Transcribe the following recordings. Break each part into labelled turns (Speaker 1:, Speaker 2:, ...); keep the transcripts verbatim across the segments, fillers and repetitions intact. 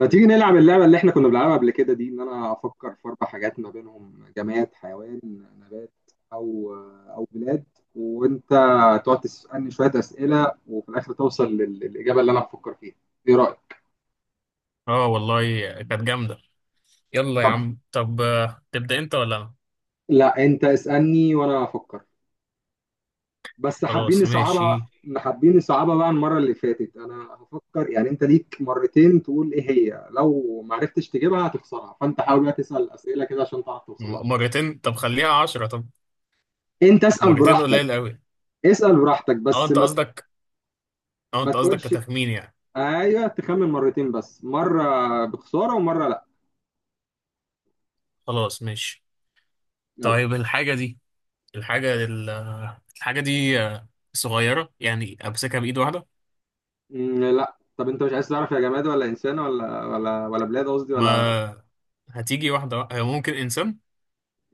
Speaker 1: ما تيجي نلعب اللعبة اللي احنا كنا بنلعبها قبل كده دي، ان انا افكر في اربع حاجات ما بينهم جماد، حيوان، نبات، او او بلاد، وانت تقعد تسألني شوية اسئلة وفي الاخر توصل لل- للاجابة اللي انا بفكر فيها. ايه رأيك؟
Speaker 2: اه والله، كانت جامدة. يلا يا
Speaker 1: طب
Speaker 2: عم، طب آه، تبدأ انت ولا انا؟
Speaker 1: لا، انت اسألني وانا افكر، بس حابين
Speaker 2: خلاص
Speaker 1: نصعبها.
Speaker 2: ماشي.
Speaker 1: حابين نصعبها بقى عن المرة اللي فاتت. انا هفكر، يعني انت ليك مرتين تقول ايه هي، لو ما عرفتش تجيبها هتخسرها، فانت حاول بقى تسأل اسئلة كده عشان تعرف توصل لها
Speaker 2: م-
Speaker 1: بسرعة.
Speaker 2: مرتين؟ طب خليها عشرة، طب.
Speaker 1: انت اسأل
Speaker 2: مرتين
Speaker 1: براحتك.
Speaker 2: قليل قوي.
Speaker 1: اسأل براحتك
Speaker 2: اه
Speaker 1: بس
Speaker 2: انت
Speaker 1: ما
Speaker 2: قصدك اه
Speaker 1: ما
Speaker 2: انت قصدك
Speaker 1: تقولش.
Speaker 2: كتخمين يعني.
Speaker 1: ايوه تخمن مرتين، بس مرة بخسارة ومرة لا.
Speaker 2: خلاص ماشي.
Speaker 1: يلا.
Speaker 2: طيب، الحاجة دي الحاجة ال- الحاجة دي آه، صغيرة، يعني امسكها بإيد واحدة.
Speaker 1: مم، لا، طب انت مش عايز تعرف يا جماد ولا انسان ولا ولا ولا بلاد؟ قصدي ولا.
Speaker 2: ما هتيجي واحدة، وا- هي ممكن انسان.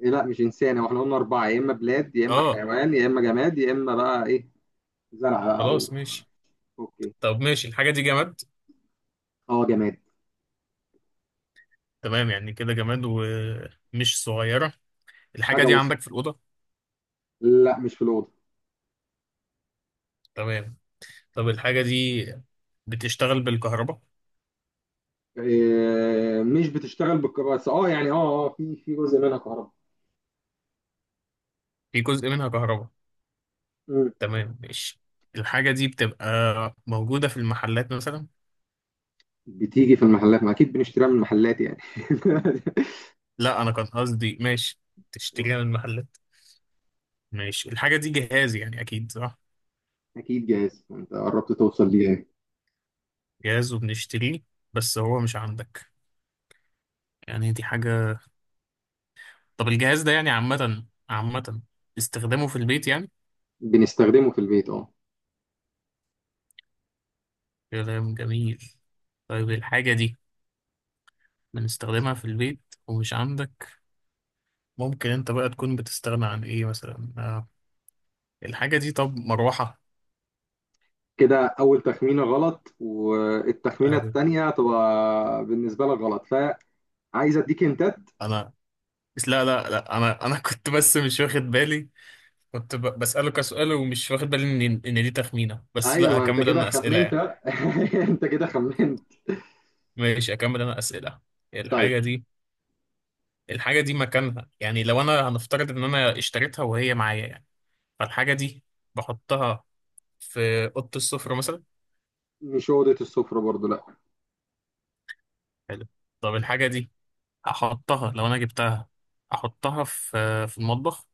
Speaker 1: إيه، لا مش انسان، هو احنا قلنا اربعة، يا اما بلاد يا اما
Speaker 2: اه،
Speaker 1: حيوان يا اما جماد يا اما بقى ايه، زرعة، او.
Speaker 2: خلاص ماشي.
Speaker 1: اوكي.
Speaker 2: طب ماشي، الحاجة دي جماد.
Speaker 1: اه، جماد.
Speaker 2: تمام، يعني كده جماد ومش صغيرة. الحاجة
Speaker 1: حاجة
Speaker 2: دي
Speaker 1: وسط.
Speaker 2: عندك في الأوضة؟
Speaker 1: لا، مش في الأوضة.
Speaker 2: تمام. طب الحاجة دي بتشتغل بالكهرباء؟
Speaker 1: إيه؟ مش بتشتغل بالكهرباء، بس اه يعني اه اه في في جزء منها كهرباء.
Speaker 2: في جزء منها كهرباء.
Speaker 1: مم.
Speaker 2: تمام ماشي. الحاجة دي بتبقى موجودة في المحلات مثلا؟
Speaker 1: بتيجي في المحلات؟ ما اكيد بنشتريها من المحلات يعني.
Speaker 2: لا، أنا كان قصدي ماشي تشتريها من المحلات. ماشي. الحاجة دي جهاز يعني، أكيد صح.
Speaker 1: اكيد جاهز، انت قربت توصل ليه يعني.
Speaker 2: جهاز وبنشتريه، بس هو مش عندك، يعني دي حاجة. طب الجهاز ده يعني عامة عامة استخدامه في البيت يعني.
Speaker 1: بنستخدمه في البيت، اه.
Speaker 2: كلام جميل. طيب الحاجة دي بنستخدمها في البيت ومش عندك، ممكن انت بقى تكون بتستغنى عن ايه مثلا، آه، الحاجة دي، طب مروحة؟
Speaker 1: كده اول تخمينه غلط، والتخمينه
Speaker 2: أوي.
Speaker 1: التانيه هتبقى بالنسبه لك غلط، فعايز اديك انت.
Speaker 2: انا بس لا، لا، لا، انا انا كنت بس مش واخد بالي. كنت ب... بسأله كسؤال، ومش واخد بالي ان ان دي تخمينة، بس
Speaker 1: ايوه،
Speaker 2: لا
Speaker 1: ما انت
Speaker 2: هكمل
Speaker 1: كده
Speaker 2: انا أسئلة
Speaker 1: خمنت.
Speaker 2: يعني.
Speaker 1: انت كده خمنت.
Speaker 2: ماشي هكمل انا أسئلة.
Speaker 1: طيب.
Speaker 2: الحاجة دي الحاجة دي مكانها، يعني لو انا هنفترض ان انا اشتريتها وهي معايا يعني، فالحاجة دي بحطها في أوضة السفرة مثلا.
Speaker 1: مش اوضه السفره برضو، لا.
Speaker 2: حلو. طب الحاجة دي هحطها لو انا جبتها، احطها في في المطبخ؟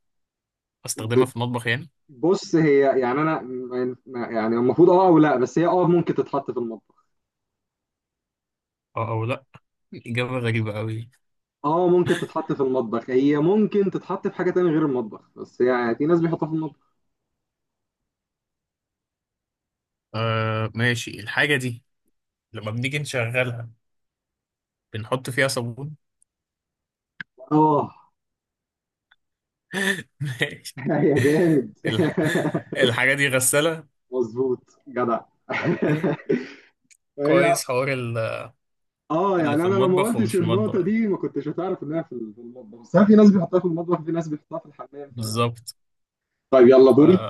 Speaker 2: استخدمها
Speaker 1: بت-
Speaker 2: في المطبخ يعني.
Speaker 1: بص، هي يعني انا ما- ما- يعني المفروض اه او لا، بس هي اه ممكن تتحط في المطبخ.
Speaker 2: اه او لا، إجابة غريبة قوي.
Speaker 1: اه ممكن تتحط في المطبخ، هي ممكن تتحط في حاجه تانية غير المطبخ، بس يعني في ناس بيحطها في المطبخ.
Speaker 2: آه ماشي. الحاجة دي لما بنيجي نشغلها بنحط فيها صابون.
Speaker 1: اه.
Speaker 2: ماشي.
Speaker 1: يا جامد.
Speaker 2: الح- الحاجة دي غسالة.
Speaker 1: مظبوط جدع. هي،
Speaker 2: كويس، حوار ال-
Speaker 1: اه
Speaker 2: اللي
Speaker 1: يعني
Speaker 2: في
Speaker 1: انا لو ما
Speaker 2: المطبخ ومش
Speaker 1: قلتش
Speaker 2: في
Speaker 1: النقطه
Speaker 2: المطبخ يعني.
Speaker 1: دي ما كنتش هتعرف انها في ال- في المطبخ، بس أنا في ناس بيحطها في المطبخ وفي ناس بيحطها في الحمام ف...
Speaker 2: بالظبط.
Speaker 1: طيب يلا
Speaker 2: ف
Speaker 1: دوري.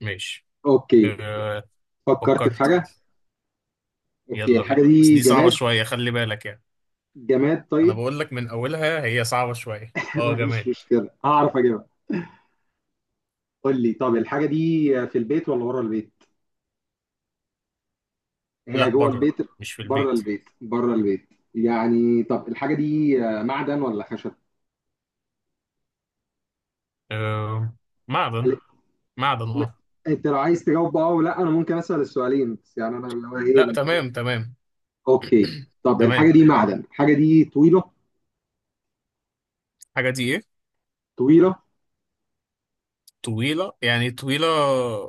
Speaker 2: ماشي.
Speaker 1: اوكي،
Speaker 2: آه،
Speaker 1: فكرت في
Speaker 2: فكرت؟ يلا.
Speaker 1: حاجه. اوكي
Speaker 2: يلا بينا،
Speaker 1: الحاجه
Speaker 2: بس
Speaker 1: دي
Speaker 2: دي صعبة
Speaker 1: جماد.
Speaker 2: شوية، خلي بالك يعني.
Speaker 1: جماد،
Speaker 2: أنا
Speaker 1: طيب.
Speaker 2: بقول لك من أولها هي صعبة شوية. اه
Speaker 1: مفيش
Speaker 2: جماد.
Speaker 1: مشكله، هعرف اجيبها. قول لي، طب الحاجه دي في البيت ولا بره البيت؟ هي
Speaker 2: لا،
Speaker 1: جوه
Speaker 2: بره،
Speaker 1: البيت؟
Speaker 2: مش في
Speaker 1: بره
Speaker 2: البيت.
Speaker 1: البيت، بره البيت. يعني طب الحاجه دي معدن ولا خشب؟
Speaker 2: آه، معدن. معدن
Speaker 1: لا،
Speaker 2: اه.
Speaker 1: انت لو عايز تجاوب اه ولا انا ممكن اسال السؤالين؟ بس يعني انا اللي هو ايه،
Speaker 2: لا،
Speaker 1: بنحاول.
Speaker 2: تمام تمام.
Speaker 1: اوكي. طب الحاجه
Speaker 2: تمام.
Speaker 1: دي معدن، الحاجه دي طويله.
Speaker 2: الحاجة دي إيه؟
Speaker 1: طويله.
Speaker 2: طويلة يعني طويلة.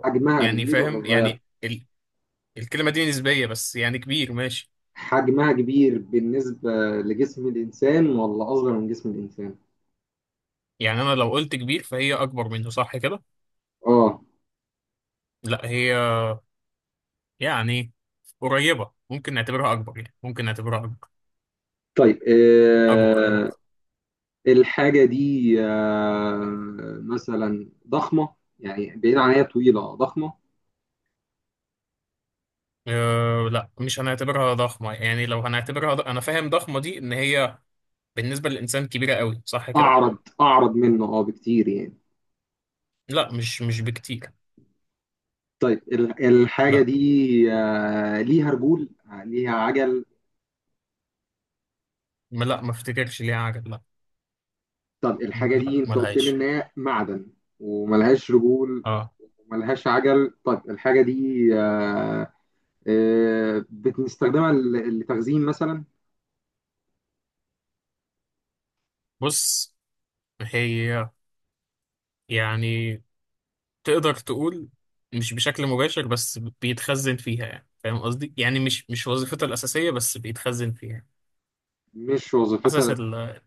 Speaker 1: حجمها
Speaker 2: يعني
Speaker 1: كبير
Speaker 2: فاهم
Speaker 1: ولا صغير؟
Speaker 2: يعني ال... الكلمة دي نسبية، بس يعني كبير ماشي.
Speaker 1: حجمها كبير بالنسبه لجسم الانسان ولا اصغر من جسم الانسان؟
Speaker 2: يعني أنا لو قلت كبير فهي أكبر منه صح كده؟
Speaker 1: اه.
Speaker 2: لا، هي يعني قريبة، ممكن نعتبرها أكبر، يعني ممكن نعتبرها أكبر.
Speaker 1: طيب.
Speaker 2: أكبر أكبر.
Speaker 1: آه الحاجه دي آه مثلا ضخمه؟ يعني بعيد عن، هي طويله، آه، ضخمه؟
Speaker 2: أه لا، مش هنعتبرها ضخمة، يعني لو هنعتبرها ض... أنا فاهم ضخمة دي إن هي بالنسبة للإنسان كبيرة قوي صح كده؟
Speaker 1: اعرض اعرض منه اه بكتير يعني.
Speaker 2: لا، مش مش بكتير.
Speaker 1: طيب، ال- الحاجة
Speaker 2: لا،
Speaker 1: دي آه، ليها رجول، آه، ليها عجل؟
Speaker 2: ما لا، ما افتكرش ليها عجل، لا.
Speaker 1: طب
Speaker 2: ما
Speaker 1: الحاجة
Speaker 2: لا،
Speaker 1: دي انت
Speaker 2: ما
Speaker 1: قلت لي
Speaker 2: لهاش.
Speaker 1: ان هي معدن، وملهاش رجول،
Speaker 2: اه
Speaker 1: وملهاش عجل. طب الحاجة دي آه، آه، بنستخدمها ل- لتخزين مثلا؟
Speaker 2: بص، هي يعني تقدر تقول مش بشكل مباشر، بس بيتخزن فيها، يعني فاهم قصدي، يعني مش مش وظيفته الأساسية بس بيتخزن فيها.
Speaker 1: مش
Speaker 2: حاسس
Speaker 1: وظيفتها.
Speaker 2: ال-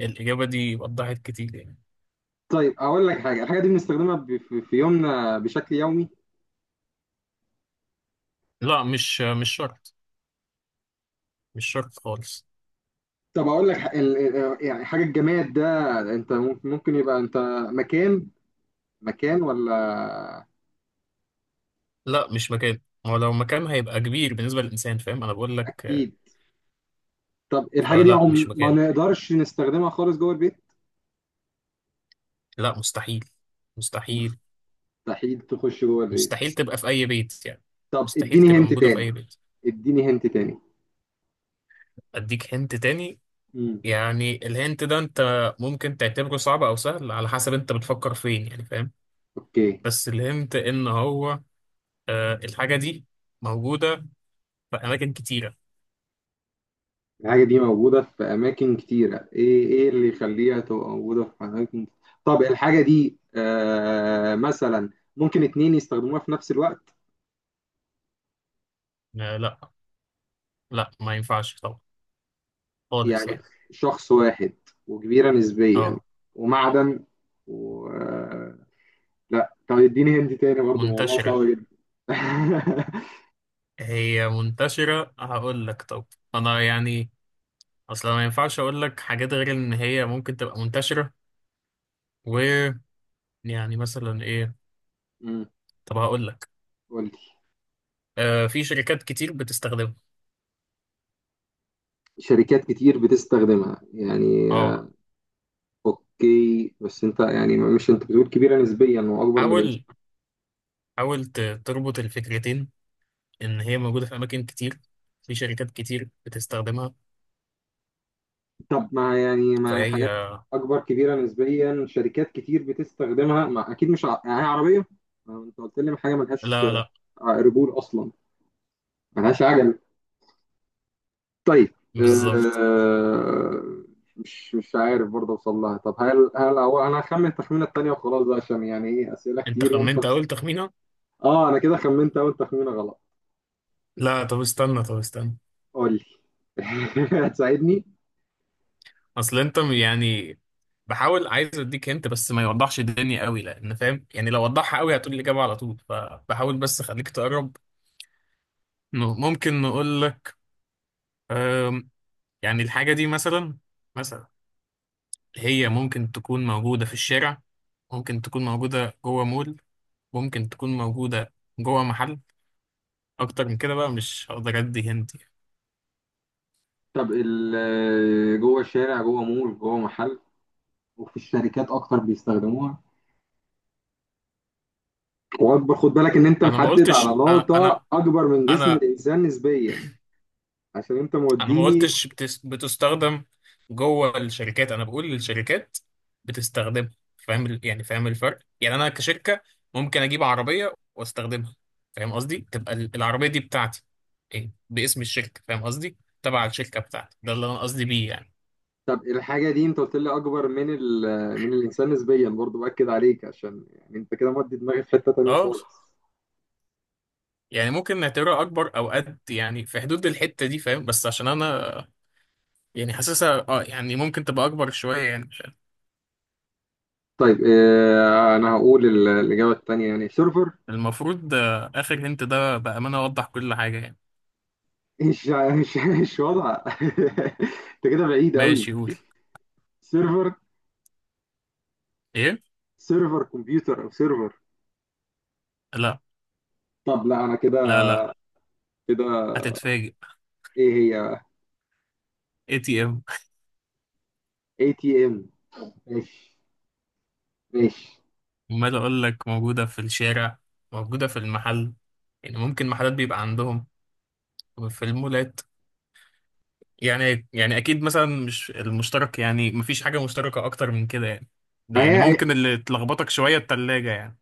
Speaker 2: الإجابة دي وضحت كتير يعني.
Speaker 1: طيب اقول لك حاجة، الحاجة دي بنستخدمها ب- في في يومنا بشكل يومي؟
Speaker 2: لا، مش مش شرط. مش شرط خالص.
Speaker 1: طب اقول لك ح- ال- ال- آه، يعني حاجة الجماد ده، انت ممكن ممكن يبقى انت مكان، مكان ولا؟
Speaker 2: لا، مش مكان. هو لو مكان هيبقى كبير بالنسبة للإنسان، فاهم أنا بقول لك. آه،
Speaker 1: اكيد. طب الحاجة دي
Speaker 2: فلا
Speaker 1: عم
Speaker 2: مش
Speaker 1: ما
Speaker 2: مكان.
Speaker 1: نقدرش نستخدمها خالص جوه البيت؟
Speaker 2: لا مستحيل. مستحيل
Speaker 1: مستحيل تخش جوه البيت.
Speaker 2: مستحيل تبقى في أي بيت يعني.
Speaker 1: طب
Speaker 2: مستحيل
Speaker 1: اديني
Speaker 2: تبقى
Speaker 1: هنت
Speaker 2: موجودة في
Speaker 1: تاني.
Speaker 2: أي بيت.
Speaker 1: اديني هنت تاني.
Speaker 2: أديك هنت تاني.
Speaker 1: امم
Speaker 2: يعني الهنت ده انت ممكن تعتبره صعب او سهل على حسب انت بتفكر فين، يعني فاهم.
Speaker 1: اوكي.
Speaker 2: بس الهنت ان هو، آه الحاجة دي موجودة في اماكن كتيرة.
Speaker 1: الحاجة دي موجودة في أماكن كتيرة. ايه ايه اللي يخليها تبقى موجودة في أماكن؟ طب الحاجة دي آه مثلا ممكن اتنين يستخدموها في نفس الوقت؟
Speaker 2: آه لا، لا ما ينفعش طبعا، خالص
Speaker 1: يعني
Speaker 2: يعني.
Speaker 1: شخص واحد، وكبيرة نسبيا،
Speaker 2: اه
Speaker 1: ومعدن، و آه، لا. طب اديني هنت تاني برضه، موضوع
Speaker 2: منتشرة.
Speaker 1: صعب جدا.
Speaker 2: هي منتشرة، هقول لك طب. انا يعني اصلا ما ينفعش اقول لك حاجات غير ان هي ممكن تبقى منتشرة، و يعني مثلا ايه؟
Speaker 1: امم
Speaker 2: طب هقول لك،
Speaker 1: قول لي.
Speaker 2: آه في شركات كتير بتستخدمها.
Speaker 1: شركات كتير بتستخدمها يعني
Speaker 2: اه
Speaker 1: كي، بس انت يعني، مش انت بتقول كبيره نسبيا واكبر من الامكان؟
Speaker 2: حاول، حاول ت- تربط الفكرتين، ان هي موجوده في اماكن كتير، في شركات كتير بتستخدمها،
Speaker 1: طب مع يعني مع
Speaker 2: فهي
Speaker 1: حاجات اكبر؟ كبيره نسبيا، شركات كتير بتستخدمها، مع اكيد مش ع... يعني هي عربيه؟ ما انت قلت لي حاجه ملهاش
Speaker 2: لا لا.
Speaker 1: رجول اصلا، ملهاش عجل. طيب
Speaker 2: بالظبط.
Speaker 1: آه... مش مش عارف برضه اوصل لها. طب هل هل هو انا هخمن التخمينه التانيه وخلاص بقى، عشان يعني ايه، اسئله
Speaker 2: انت
Speaker 1: كتير وانت
Speaker 2: خمنت
Speaker 1: بس...
Speaker 2: اول تخمينه.
Speaker 1: اه انا كده خمنت اول تخمينه غلط.
Speaker 2: لا طب استنى، طب استنى.
Speaker 1: قول لي، هتساعدني.
Speaker 2: اصل انت يعني بحاول عايز اديك هنت، بس ما يوضحش الدنيا قوي، لان فاهم يعني لو وضحها قوي هتقول الاجابه على طول، فبحاول بس اخليك تقرب. ن- ممكن نقول، أم، يعني الحاجه دي مثلا مثلا هي ممكن تكون موجوده في الشارع، ممكن تكون موجوده جوه مول، ممكن تكون موجوده جوه محل. اكتر من كده بقى مش هقدر ادي هنت يعني.
Speaker 1: طب ال- جوه الشارع، جوه مول، جوه محل، وفي الشركات اكتر بيستخدموها، واكبر. خد بالك ان انت
Speaker 2: انا ما
Speaker 1: محدد
Speaker 2: قلتش. انا
Speaker 1: عضلاته
Speaker 2: انا
Speaker 1: اكبر من جسم
Speaker 2: انا
Speaker 1: الانسان نسبيا، عشان انت
Speaker 2: أنا ما
Speaker 1: موديني.
Speaker 2: قلتش بتس- بتستخدم جوه الشركات. انا بقول للشركات بتستخدمها، فاهم ال- يعني فاهم الفرق، يعني انا كشركة ممكن اجيب عربية واستخدمها، فاهم قصدي، تبقى ال- العربية دي بتاعتي، إيه؟ باسم الشركة، فاهم قصدي تبع الشركة بتاعتي ده اللي انا قصدي بيه يعني.
Speaker 1: طب الحاجه دي انت قلت لي اكبر من ال... من الانسان نسبيا، برضو باكد عليك، عشان يعني انت كده مودي دماغي في حته تانيه
Speaker 2: اه،
Speaker 1: خالص.
Speaker 2: يعني ممكن نعتبرها اكبر او قد، يعني في حدود الحتة دي فاهم، بس عشان انا يعني حاسسها اه يعني ممكن تبقى اكبر شوية يعني.
Speaker 1: طيب اه انا هقول ال- الاجابه التانيه، يعني سيرفر.
Speaker 2: المفروض، آه، آخر هنت ده بأمانة أوضح كل حاجة يعني.
Speaker 1: مش مش مش واضحه. انت كده بعيد قوي.
Speaker 2: ماشي قول.
Speaker 1: سيرفر.
Speaker 2: إيه؟
Speaker 1: سيرفر كمبيوتر او سيرفر؟
Speaker 2: لا
Speaker 1: طب لا انا كده
Speaker 2: لا لا،
Speaker 1: كده
Speaker 2: هتتفاجئ.
Speaker 1: ايه هي؟
Speaker 2: اي تي ام.
Speaker 1: اي تي ام. ماشي. ماشي.
Speaker 2: أمال أقول لك موجودة في الشارع، موجودة في المحل، يعني ممكن محلات بيبقى عندهم، في المولات يعني يعني أكيد مثلا مش المشترك، يعني مفيش حاجة مشتركة أكتر من كده يعني.
Speaker 1: ما
Speaker 2: يعني
Speaker 1: هي.
Speaker 2: ممكن اللي تلخبطك شوية التلاجة يعني.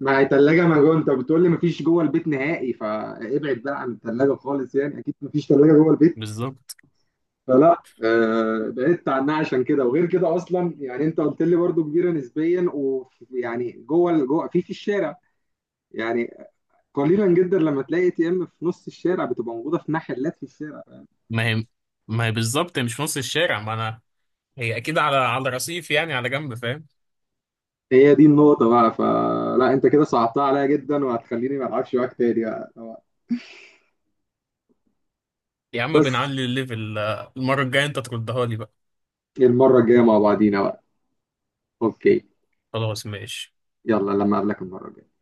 Speaker 1: ما هي تلاجة مجهولة، انت بتقول لي مفيش جوه البيت نهائي، فابعد بقى عن التلاجة خالص يعني، اكيد مفيش تلاجة جوه البيت.
Speaker 2: بالظبط.
Speaker 1: فلا، آه بعدت عنها عشان كده، وغير كده اصلا يعني انت قلت لي برضو كبيرة نسبيا، ويعني جوه ال- جوه في في الشارع. يعني قليلا جدا لما تلاقي اي تي ام في نص الشارع، بتبقى موجودة في محلات في الشارع.
Speaker 2: ما هي ما هي بالظبط، هي مش في نص الشارع، ما أنا هي أكيد على على رصيف، يعني على جنب فاهم.
Speaker 1: هي دي النقطة بقى، فلا انت كده صعبتها عليا جدا، وهتخليني ما العبش معاك تاني بقى.
Speaker 2: يا عم
Speaker 1: بس
Speaker 2: بنعلي الليفل، آه، المرة الجاية انت تردها لي بقى.
Speaker 1: المرة الجاية مع بعضينا بقى. اوكي.
Speaker 2: خلاص ماشي.
Speaker 1: يلا لما اقابلك المرة الجاية.